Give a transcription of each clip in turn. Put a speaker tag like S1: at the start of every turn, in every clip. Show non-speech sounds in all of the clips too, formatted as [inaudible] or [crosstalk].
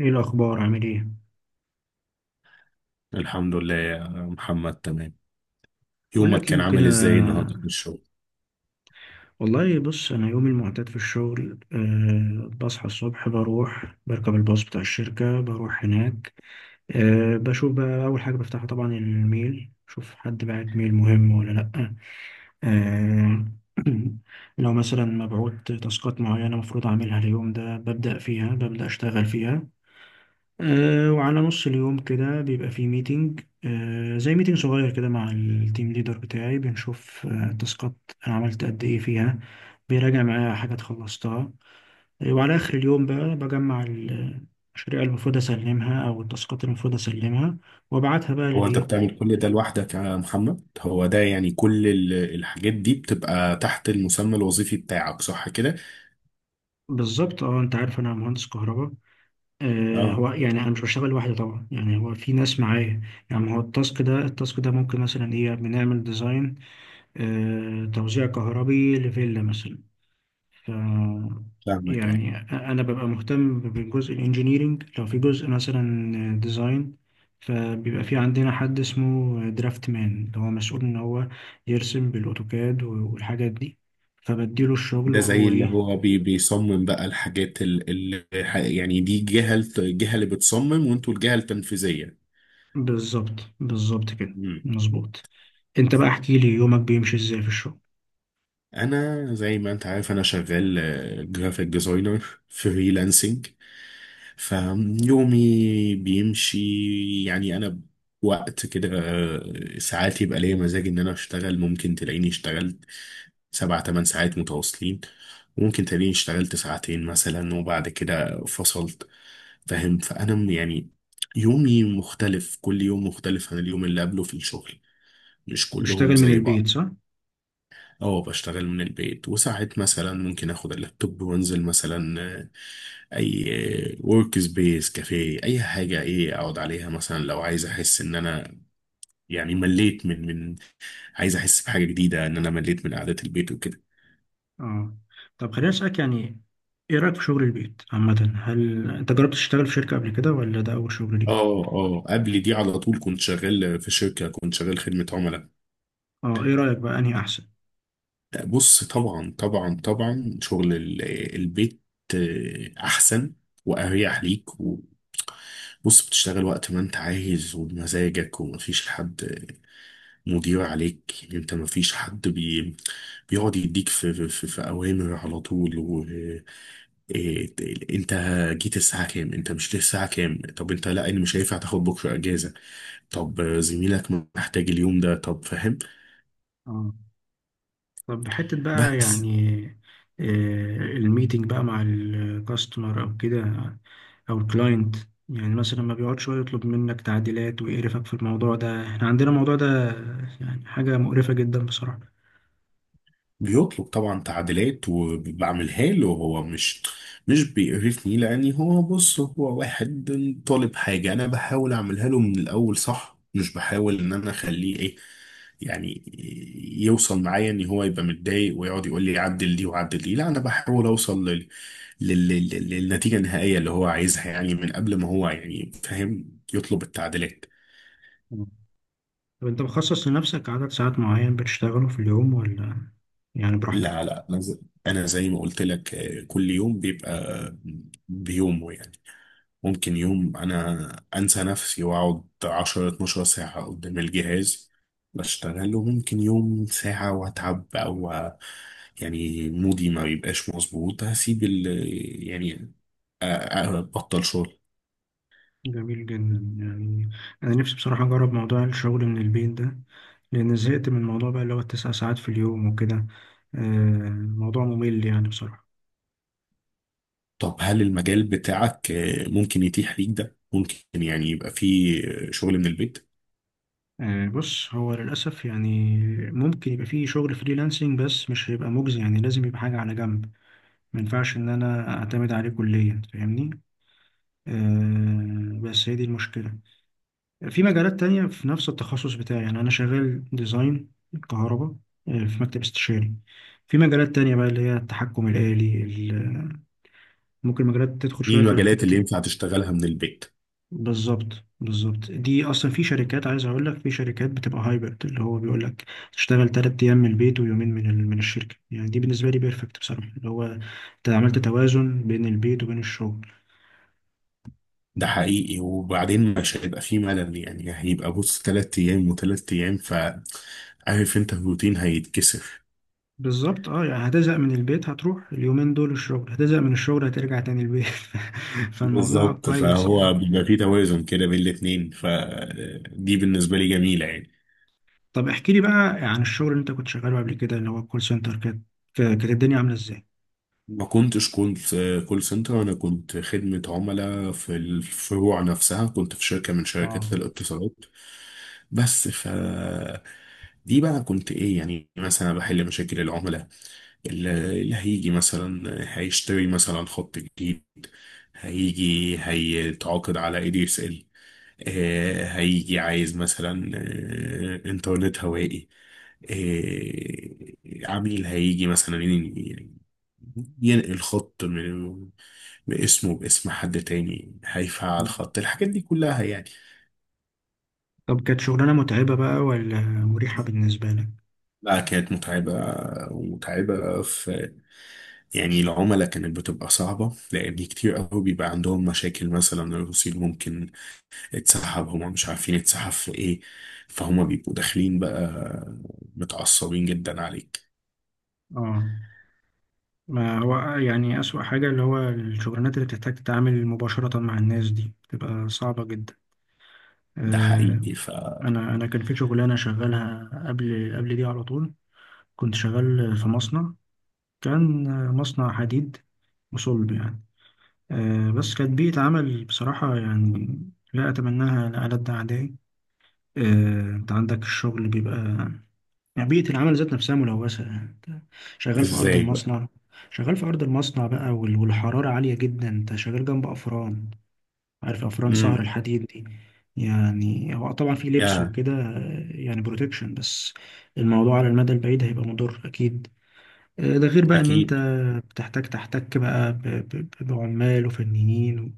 S1: ايه الاخبار عامل ايه؟
S2: الحمد لله يا محمد، تمام.
S1: اقول
S2: يومك
S1: لك
S2: كان
S1: يوم كده.
S2: عامل ازاي النهارده في الشغل؟
S1: والله بص، انا يومي المعتاد في الشغل، بصحى الصبح، بروح بركب الباص بتاع الشركه، بروح هناك. بشوف بقى اول حاجه بفتحها طبعا الميل، شوف حد بعت ميل مهم ولا لا. أه. [clears throat] لو مثلا مبعوت تاسكات معينه المفروض اعملها اليوم ده، ببدا اشتغل فيها. وعلى نص اليوم كده بيبقى في ميتنج، آه، زي ميتنج صغير كده مع التيم ليدر بتاعي، بنشوف التاسكات انا عملت قد ايه فيها، بيراجع معايا حاجات خلصتها. وعلى اخر اليوم بقى بجمع المشاريع اللي المفروض اسلمها او التاسكات اللي المفروض اسلمها، وابعتها بقى
S2: هو انت
S1: للايه.
S2: بتعمل كل ده لوحدك يا محمد؟ هو ده يعني كل الحاجات دي بتبقى تحت المسمى الوظيفي بتاعك، صح كده؟
S1: بالظبط، اه. انت عارف انا مهندس كهرباء. آه،
S2: اه،
S1: هو يعني انا مش بشتغل لوحدي طبعا، يعني هو في ناس معايا. يعني هو التاسك ده التاسك ده ممكن مثلا ايه، بنعمل ديزاين، آه، توزيع كهربي لفيلا مثلا. ف
S2: فاهمك اي.
S1: يعني انا ببقى مهتم بجزء الانجينيرينج، لو في جزء مثلا ديزاين فبيبقى في عندنا حد اسمه درافت مان، اللي هو مسؤول ان هو يرسم بالاوتوكاد والحاجات دي، فبديله الشغل
S2: ده زي
S1: وهو
S2: اللي
S1: ايه.
S2: هو بيصمم بقى الحاجات اللي يعني دي جهة الجهة اللي بتصمم وانتوا الجهة التنفيذية.
S1: بالظبط بالظبط كده، مظبوط. انت بقى احكي لي يومك بيمشي ازاي في الشغل.
S2: انا زي ما انت عارف انا شغال جرافيك ديزاينر فريلانسنج، فيومي بيمشي يعني انا وقت كده، ساعات يبقى ليا مزاج ان انا اشتغل، ممكن تلاقيني اشتغلت سبع تمن ساعات متواصلين، وممكن تلاقيني اشتغلت ساعتين مثلا وبعد كده فصلت، فاهم؟ يعني يومي مختلف، كل يوم مختلف عن اليوم اللي قبله في الشغل، مش كلهم
S1: بتشتغل من
S2: زي
S1: البيت
S2: بعض.
S1: صح؟
S2: اه، بشتغل من البيت، وساعات مثلا ممكن اخد اللابتوب وانزل مثلا، اي ورك سبيس، كافيه، اي حاجه ايه اقعد عليها، مثلا لو عايز احس ان انا يعني مليت من، عايز احس بحاجه جديده، ان انا مليت من قعده البيت وكده.
S1: اه، طب خليني اسالك يعني، ايه رايك في شغل البيت عامه؟ هل انت جربت تشتغل في شركه قبل كده ولا ده اول شغل ليك؟
S2: اه، اه، قبل دي على طول كنت شغال في شركه، كنت شغال خدمه عملاء.
S1: اه، ايه رايك بقى انهي احسن؟
S2: بص، طبعا طبعا طبعا شغل البيت، احسن واريح ليك و-، بص بتشتغل وقت ما انت عايز وبمزاجك، ومفيش حد مدير عليك، يعني انت مفيش حد بيقعد يديك في اوامر على طول، و إيه، انت جيت الساعه كام؟ انت مش جيت الساعه كام؟ طب انت، لا انا مش هينفع تاخد بكره اجازه، طب زميلك محتاج اليوم ده، طب، فاهم.
S1: اه. طب حته بقى
S2: بس
S1: يعني، آه، الميتنج بقى مع الكاستمر او كده، او الكلاينت، يعني مثلا ما بيقعد شويه يطلب منك تعديلات ويقرفك في الموضوع ده. احنا عندنا الموضوع ده يعني حاجه مقرفه جدا بصراحه.
S2: بيطلب طبعا تعديلات وبعملها له، هو مش بيقرفني، لاني هو بص، هو واحد طالب حاجة، انا بحاول اعملها له من الاول صح، مش بحاول ان انا اخليه ايه يعني يوصل معايا ان هو يبقى متضايق ويقعد يقول لي عدل دي وعدل دي، لا انا بحاول اوصل للنتيجة النهائية اللي هو عايزها، يعني من قبل ما هو يعني فاهم يطلب التعديلات.
S1: آه. طب انت مخصص لنفسك عدد ساعات معين بتشتغله في اليوم، ولا يعني براحتك؟
S2: لا لا انا زي أنا زي ما قلت لك، كل يوم بيبقى بيومه يعني، ممكن يوم انا انسى نفسي واقعد 10 12 ساعة قدام الجهاز بشتغل، وممكن يوم ساعة واتعب، او يعني مودي ما بيبقاش مظبوط هسيب ال يعني ابطل شغل.
S1: جميل جدا. يعني أنا نفسي بصراحة أجرب موضوع الشغل من البيت ده، لأن زهقت من الموضوع بقى اللي هو التسع ساعات في اليوم وكده، آه، موضوع ممل يعني بصراحة.
S2: طب هل المجال بتاعك، ممكن يتيح ليك ده؟ ممكن يعني يبقى فيه شغل من البيت؟
S1: آه، بص، هو للأسف يعني ممكن يبقى فيه شغل فريلانسنج، بس مش هيبقى مجزي، يعني لازم يبقى حاجة على جنب. ما ينفعش إن أنا أعتمد عليه كليا، فاهمني؟ آه، بس هي دي المشكلة. في مجالات تانية في نفس التخصص بتاعي، يعني أنا شغال ديزاين كهرباء، آه، في مكتب استشاري. في مجالات تانية بقى اللي هي التحكم الآلي ال-، ممكن مجالات تدخل
S2: ايه
S1: شوية في
S2: المجالات
S1: حتة
S2: اللي
S1: ال-.
S2: ينفع تشتغلها من البيت؟
S1: بالظبط بالظبط، دي أصلا في شركات، عايز أقول لك في شركات بتبقى هايبرد، اللي هو بيقول لك تشتغل تلات أيام من البيت ويومين من من الشركة. يعني دي بالنسبة لي بيرفكت بصراحة، اللي هو أنت عملت توازن بين البيت وبين الشغل.
S2: ده حقيقي، وبعدين مش هيبقى فيه ملل، يعني هيبقى بص تلات أيام وتلات أيام، ف عارف أنت الروتين هيتكسر.
S1: بالظبط، اه. يعني هتزهق من البيت هتروح اليومين دول الشغل، هتزهق من الشغل هترجع تاني البيت. [laughs] فالموضوع
S2: بالظبط،
S1: كويس يعني.
S2: فهو بيبقى فيه توازن كده بين الاتنين، فدي بالنسبة لي جميلة يعني.
S1: طب احكي لي بقى عن الشغل اللي انت كنت شغاله قبل كده اللي هو الكول سنتر. كانت الدنيا عاملة ازاي؟
S2: ما كنتش كنت كول سنتر، أنا كنت خدمة عملاء في الفروع نفسها، كنت في شركة من
S1: اه.
S2: شركات الاتصالات بس، ف دي بقى كنت إيه، يعني مثلا بحل مشاكل العملاء، اللي هيجي مثلا هيشتري مثلا خط جديد، هيجي هيتعاقد على اي دي اس ال، هيجي عايز مثلا، انترنت هوائي، عميل هيجي مثلا ينقل خط من باسمه باسم حد تاني، هيفعل خط، الحاجات دي كلها يعني.
S1: طب كانت شغلانة متعبة بقى ولا مريحة بالنسبة لك؟
S2: لا كانت متعبة، ومتعبة في يعني العملاء، كانت بتبقى صعبة، لأن كتير قوي بيبقى عندهم مشاكل، مثلا الرصيد ممكن اتسحب، هما مش عارفين اتسحب في ايه، فهما بيبقوا داخلين بقى متعصبين جدا عليك.
S1: اه، ما هو يعني أسوأ حاجة اللي هو الشغلانات اللي بتحتاج تتعامل مباشرة مع الناس دي بتبقى صعبة جدا.
S2: ده
S1: آه،
S2: حقيقي، فازاي
S1: أنا كان في شغلانة شغالها قبل قبل دي على طول، كنت شغال في مصنع، كان مصنع حديد وصلب يعني. آه، بس كانت بيئة عمل بصراحة يعني لا أتمناها لألد أعدائي. آه، أنت عندك الشغل بيبقى، يعني بيئة العمل ذات نفسها ملوثة يعني، أنت شغال في أرض
S2: بقى.
S1: المصنع، شغال في أرض المصنع بقى، والحرارة عالية جدا، أنت شغال جنب أفران، عارف أفران
S2: امم،
S1: سهر الحديد دي. يعني هو طبعا في لبس
S2: يا،
S1: وكده، آه، يعني بروتكشن، بس الموضوع على المدى البعيد هيبقى مضر أكيد. آه، ده غير بقى ان انت
S2: أكيد.
S1: بتحتاج تحتك بقى بعمال وفنيين و-،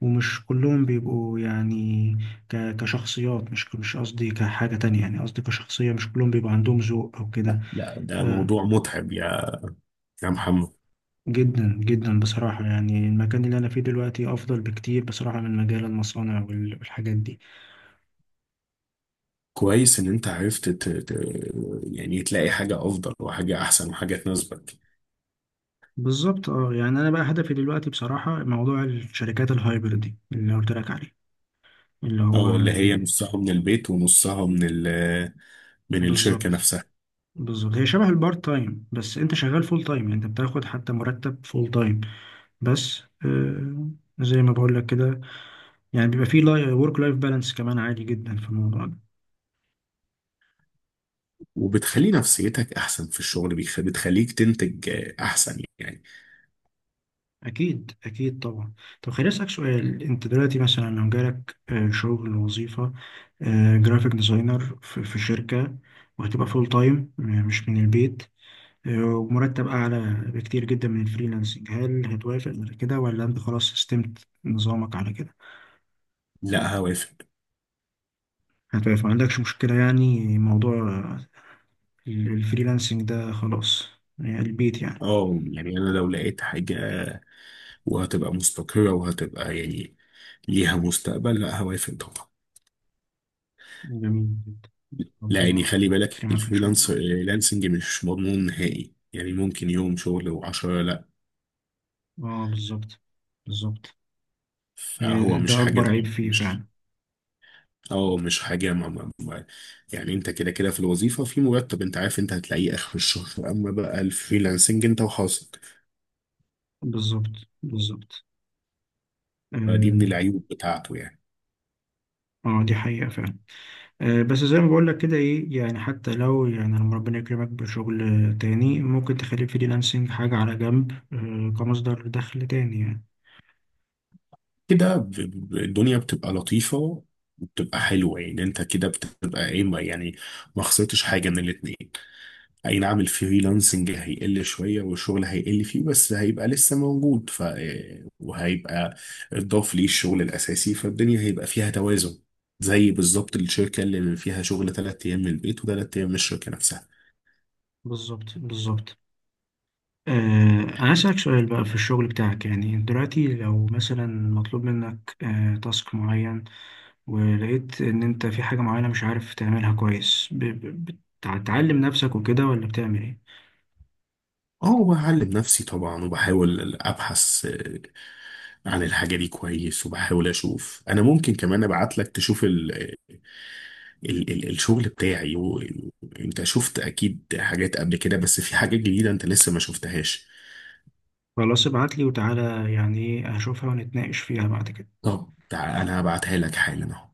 S1: ومش كلهم بيبقوا يعني كشخصيات، مش قصدي كحاجة تانية، يعني قصدي كشخصية، مش كلهم بيبقى عندهم ذوق او كده.
S2: لا ده
S1: آه،
S2: موضوع متعب يا، يا محمد.
S1: جدا جدا بصراحة، يعني المكان اللي انا فيه دلوقتي افضل بكتير بصراحة من مجال المصانع والحاجات دي.
S2: كويس إن أنت عرفت يعني تلاقي حاجة أفضل، وحاجة أحسن، وحاجة تناسبك.
S1: بالظبط، اه. يعني انا بقى هدفي دلوقتي بصراحة موضوع الشركات الهايبرد دي اللي قلت لك عليه، اللي هو
S2: أو اللي هي
S1: ي-.
S2: نصها من البيت ونصها من من الشركة
S1: بالظبط
S2: نفسها.
S1: بالظبط، هي شبه البارت تايم، بس انت شغال فول تايم، يعني انت بتاخد حتى مرتب فول تايم بس. آه، زي ما بقول لك كده، يعني بيبقى فيه ورك لايف بالانس كمان عادي جدا في الموضوع ده.
S2: وبتخلي نفسيتك احسن في الشغل، بتخليك تنتج، احسن يعني.
S1: اكيد اكيد طبعا. طب خليني اسالك سؤال، انت دلوقتي مثلا لو جالك آه شغل وظيفه، آه، جرافيك ديزاينر في شركه، وهتبقى فول تايم مش من البيت، آه، ومرتب اعلى بكتير جدا من الفريلانسنج، هل هتوافق على كده ولا انت خلاص استمت نظامك على كده؟
S2: لا هوافق.
S1: هتبقى ما عندكش مشكلة يعني، موضوع الفريلانسنج ده خلاص، يعني البيت يعني.
S2: اه يعني انا لو لقيت حاجة وهتبقى مستقرة، وهتبقى يعني ليها مستقبل، لا هوافق طبعا.
S1: جميل جدا،
S2: لا يعني
S1: ربنا
S2: خلي بالك
S1: يكرمك إن شاء
S2: الفريلانس
S1: الله.
S2: لانسنج مش مضمون نهائي، يعني ممكن يوم شغل وعشرة لا،
S1: اه، بالظبط بالظبط. هي
S2: فهو مش
S1: ده
S2: حاجة
S1: أكبر
S2: ده.
S1: عيب فيه
S2: مش،
S1: فعلا.
S2: اه مش حاجة ما ما ما يعني انت كده كده في الوظيفة في مرتب، انت عارف انت هتلاقيه اخر الشهر، اما بقى الفريلانسنج انت وحظك،
S1: بالظبط بالظبط،
S2: فدي من
S1: اه.
S2: العيوب بتاعته يعني.
S1: آه، دي حقيقة فعلا. آه، بس زي ما بقول لك كده، ايه يعني، حتى لو يعني لما ربنا يكرمك بشغل آه تاني، ممكن تخلي الفريلانسنج حاجة على جنب، آه، كمصدر دخل تاني يعني.
S2: كده الدنيا بتبقى لطيفة وبتبقى حلوة، يعني انت كده بتبقى ايه يعني ما خسرتش حاجة من الاتنين. اي نعم الفريلانسنج هيقل شوية، والشغل هيقل فيه بس هيبقى لسه موجود، ف وهيبقى اتضاف ليه الشغل الأساسي، فالدنيا هيبقى فيها توازن، زي بالظبط الشركة اللي فيها شغل تلات أيام من البيت وتلات أيام من الشركة نفسها.
S1: بالظبط بالظبط. آه، أنا أسألك سؤال بقى في الشغل بتاعك، يعني دلوقتي لو مثلا مطلوب منك آه تاسك معين، ولقيت إن أنت في حاجة معينة مش عارف تعملها كويس، بتعلم نفسك وكده ولا بتعمل إيه؟
S2: اه بعلم نفسي طبعا، وبحاول ابحث عن الحاجة دي كويس، وبحاول أشوف. أنا ممكن كمان أبعت لك تشوف ال الشغل بتاعي، و- وأنت شفت أكيد حاجات قبل كده، بس في حاجات جديدة أنت لسه ما شفتهاش.
S1: خلاص ابعتلي وتعالى، يعني إيه، هشوفها ونتناقش فيها بعد كده.
S2: طب تعال أنا هبعتها لك حالا أهو.